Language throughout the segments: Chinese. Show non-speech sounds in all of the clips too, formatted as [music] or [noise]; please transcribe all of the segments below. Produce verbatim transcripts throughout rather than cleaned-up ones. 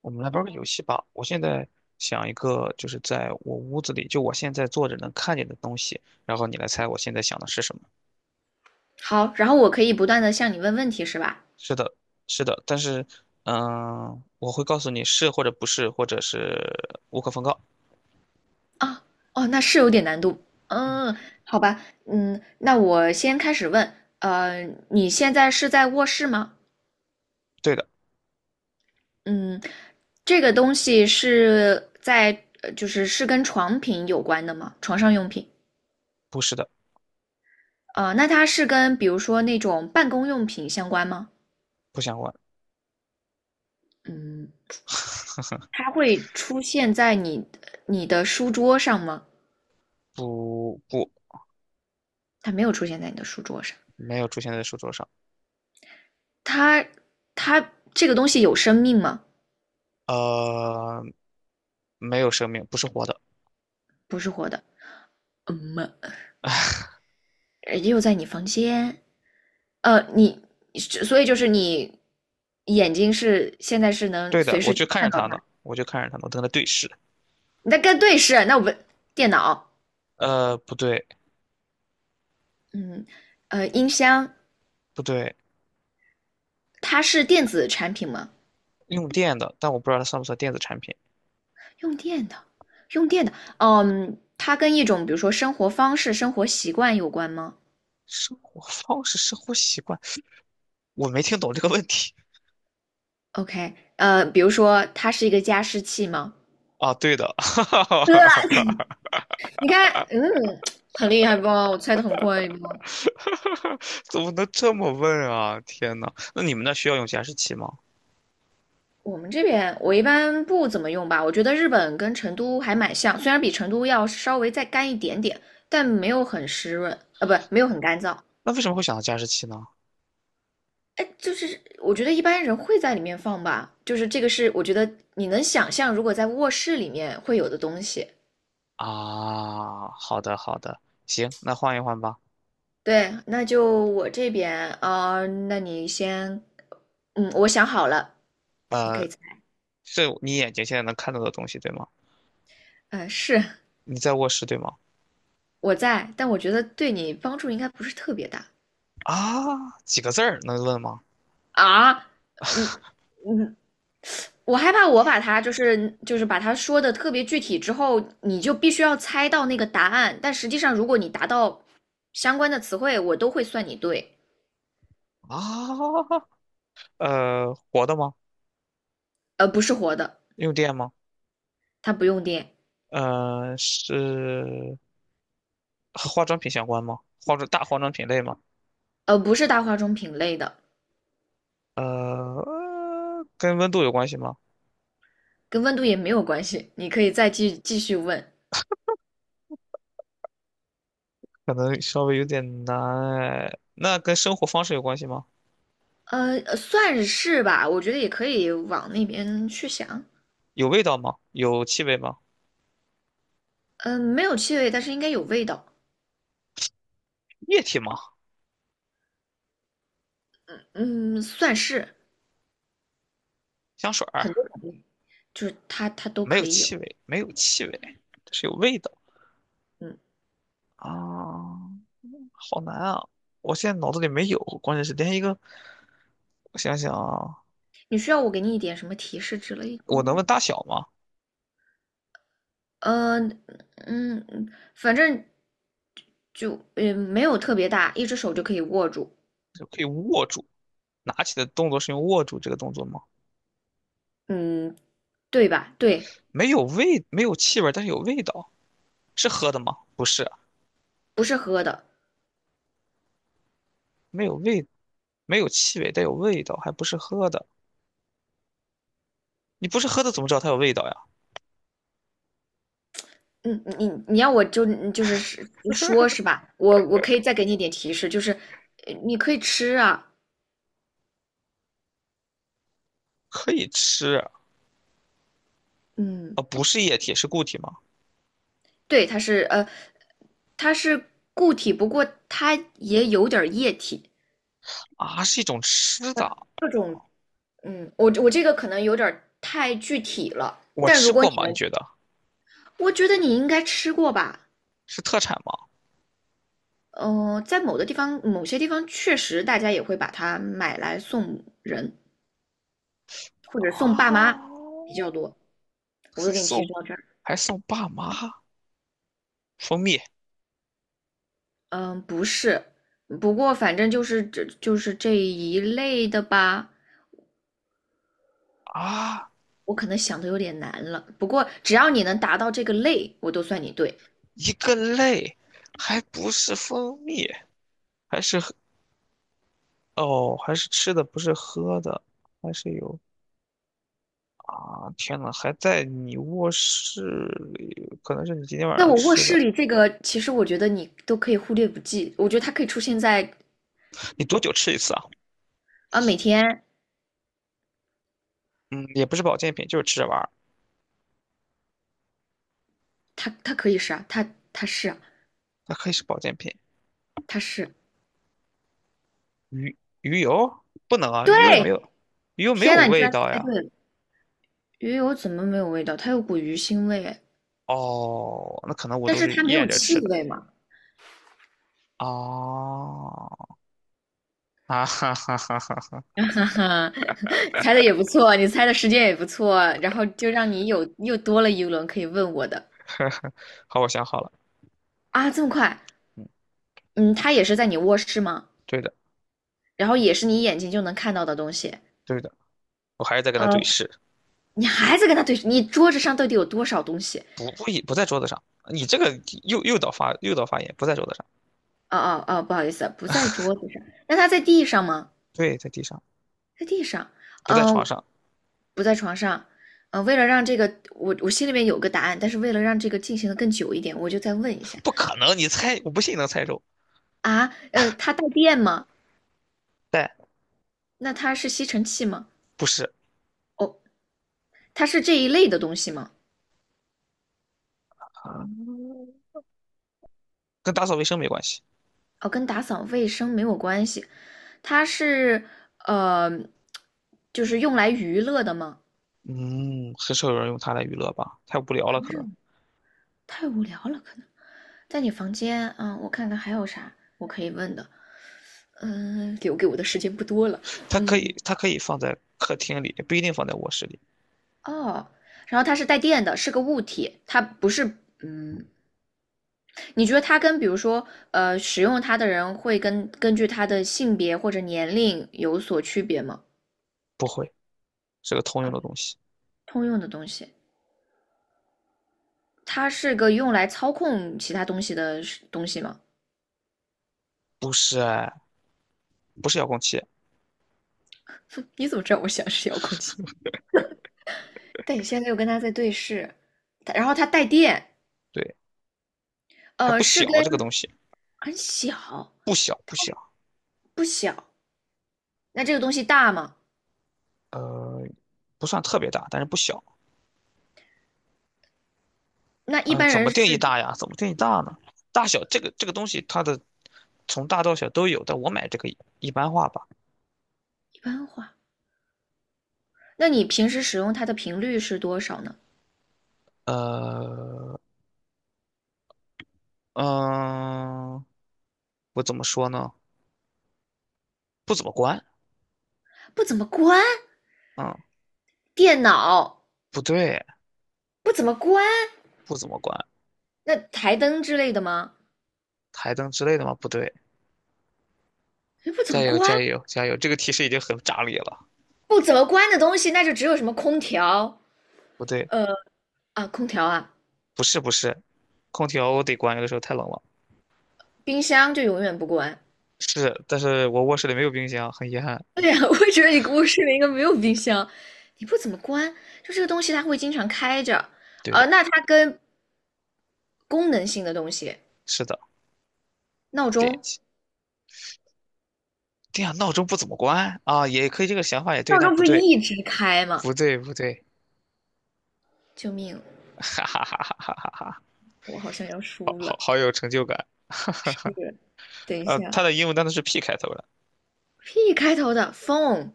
我们来玩个游戏吧。我现在想一个，就是在我屋子里，就我现在坐着能看见的东西，然后你来猜我现在想的是什么。好，然后我可以不断的向你问问题，是吧？是的，是的，但是，嗯，我会告诉你是或者不是，或者是无可奉告。啊，哦，那是有点难度。嗯，好吧，嗯，那我先开始问。呃，你现在是在卧室吗？对的，嗯，这个东西是在，呃就是是跟床品有关的吗？床上用品。不是的，呃，那它是跟比如说那种办公用品相关吗？不想关，嗯，它会出现在你你的书桌上吗？不不，它没有出现在你的书桌上。没有出现在书桌上。它它这个东西有生命吗？呃，没有生命，不是活的。不是活的，嗯嘛，呃又在你房间，呃，你，所以就是你眼睛是现在是能对的，随我时就看看着到它它，呢，我就看着它呢，我跟它对视。你在跟对视，那我们电脑，呃，不对，嗯，呃，音箱，不对，它是电子产品吗？用电的，但我不知道它算不算电子产品。用电的，用电的，哦嗯，它跟一种比如说生活方式、生活习惯有关吗生活方式、生活习惯，我没听懂这个问题？OK，呃，比如说它是一个加湿器吗？啊。对的，[laughs] 哈哈 [laughs] 哈你看，嗯，很厉害吧？我猜的很快不？怎么能这么问啊？天呐，那你们那需要用加湿器吗？我们这边我一般不怎么用吧，我觉得日本跟成都还蛮像，虽然比成都要稍微再干一点点，但没有很湿润，呃，不，没有很干燥。那为什么会想到加湿器呢？哎，就是我觉得一般人会在里面放吧，就是这个是我觉得你能想象，如果在卧室里面会有的东西。啊，好的好的，行，那换一换吧。对，那就我这边，啊，那你先，嗯，我想好了，你可呃，以这你眼睛现在能看到的东西对吗？嗯，呃是你在卧室对吗？我在，但我觉得对你帮助应该不是特别大啊，几个字儿能问吗？啊，嗯，我害怕我把它就是就是把它说的特别具体之后，你就必须要猜到那个答案。但实际上，如果你达到相关的词汇，我都会算你对。啊，呃，活的吗？呃，不是活的，用电吗？它不用电，呃，是和化妆品相关吗？化妆大化妆品类吗？呃，不是大化妆品类的，呃，跟温度有关系吗？跟温度也没有关系。你可以再继继续问，可能稍微有点难哎。那跟生活方式有关系吗？呃，呃算是吧，我觉得也可以往那边去想。有味道吗？有气味吗？嗯、没有气味，但是应该有味道。液体吗？嗯，算是香水儿很多种类就是它它都没有可以有。气味，没有气味，但是有味道嗯。啊，好难啊！我现在脑子里没有，关键是连一个，我想想啊，你需要我给你一点什么提示之类的我能吗？问大小吗？呃，嗯，反正就嗯没有特别大，一只手就可以握住，就可以握住，拿起的动作是用握住这个动作吗？嗯，对吧？对，没有味，没有气味，但是有味道，是喝的吗？不是。不是喝的。没有味，没有气味，但有味道，还不是喝的。你不是喝的，怎么知道它有味道呀？嗯，你你要我就就是是说是吧？我我可以再给你一点提示，就是呃你可以吃啊。可以吃嗯，啊，不是液体，是固体吗？对，它是呃，它是固体，不过它也有点儿液体。啊，是一种吃的，各种嗯，我我这个可能有点儿太具体了，我但吃如果过你吗？你能觉得我觉得你应该吃过吧？是特产吗？呃，在某的地方，某些地方确实大家也会把它买来送人或者送爸啊，妈比较多。我都是给你提送示到这儿。还送爸妈蜂蜜嗯，不是，不过反正就是这就是这一类的吧。啊，我可能想的有点难了，不过只要你能达到这个类，我都算你对。一个类，还不是蜂蜜，还是喝哦，还是吃的，不是喝的。还是有啊！天呐，还在你卧室里，可能是你今天晚在上我卧吃室的。里，这个其实我觉得你都可以忽略不计。我觉得它可以出现在你多久吃一次啊？啊，每天嗯，也不是保健品，就是吃着玩儿。它它可以是啊，它它是啊，它可以是保健品。它是鱼鱼油不能啊，对。鱼油也没有，鱼油没有天呐，你居味然道猜呀。对了！鱼油怎么没有味道？它有股鱼腥味哎，哦，那可能我但都是是它没咽有着气吃的。味嘛。哦，啊哈哈哈哈，[laughs] 哈哈，猜的也不错，你猜的时间也不错，然后就让你有又多了一轮可以问我的 [laughs] 好，我想好了，啊，这么快？嗯，嗯，它也是在你卧室吗？对的，然后也是你眼睛就能看到的东西。对的，我还是在跟他对呃，视，你还在跟他对，你桌子上到底有多少东西？不不一不在桌子上，你这个诱诱导发诱导发言不在桌子上，哦哦哦，不好意思，不在桌子上。那他在地上吗？对，在地上，在地上，不在床嗯、上，不在床上，呃，为了让这个我我心里面有个答案，但是为了让这个进行的更久一点，我就再问一下不可能，你猜，我不信你能猜中，啊，呃，它带电吗？但那它是吸尘器吗？不是哦，它是这一类的东西吗？啊，跟打扫卫生没关系，哦，跟打扫卫生没有关系，它是呃，就是用来娱乐的吗？嗯，很少有人用它来娱乐吧？太无聊了，可能。太无聊了，可能在你房间，嗯，我看看还有啥我可以问的，嗯、留给我的时间不多了，它可以，嗯。它可以放在客厅里，也不一定放在卧室里。哦，然后它是带电的，是个物体，它不是，嗯，你觉得它跟比如说，呃，使用它的人会跟根据它的性别或者年龄有所区别吗？不会，是个通用的东西。通用的东西，它是个用来操控其他东西的是东西吗？不是哎，不是遥控器，[laughs] 哼你怎么知道我想是遥控器？但你现在又跟它在对视，它然后它带电，对，还呃，不是跟小，这个东西很小，不小不小，不小。那这个东西大吗？呃，不算特别大，但是不小。那一嗯、般怎人么定义是大呀？怎么定义大呢？大小这个这个东西，它的从大到小都有，但我买这个一般化吧。一般化那你平时使用它的频率是多少呢？呃，嗯、我怎么说呢？不怎么关，不怎么关嗯，电脑，不对，不怎么关不怎么关。那台灯之类的吗？台灯之类的吗？不对，哎，不怎加么油关，加油加油！这个提示已经很炸裂了。不怎么关的东西，那就只有什么空调，不对，呃啊，空调啊，不是不是，空调我得关，有的时候太冷了。冰箱就永远不关。是，但是我卧室里没有冰箱，很遗憾。对呀，[laughs] 我也觉得你卧室里应该没有冰箱，你不怎么关，就这个东西它会经常开着。对呃，的，那它跟功能性的东西，是的，闹电钟，器。对呀，闹钟不怎么关啊，也可以，这个想法也对，闹但钟不不是对，一直开吗？不对不对，救命，[laughs] 哈哈哈哈哈哈哈，我好像要好输好了。好有成就感。是，等一呃，下。它的英文单词是 P 开头的，P 开头的 phone，P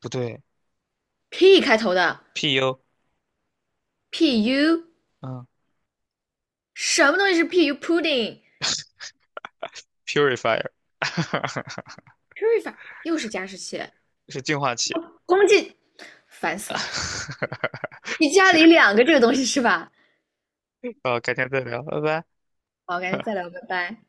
不对开头的 ，P U，pu，嗯什么东西是 pu pudding？purifier ，purifier，[laughs] 又是加湿器，是净化器。空气烦死了。你 [laughs] 家行，里两个这个东西是吧？好，改天再聊，拜拜。好，赶紧再聊，拜拜。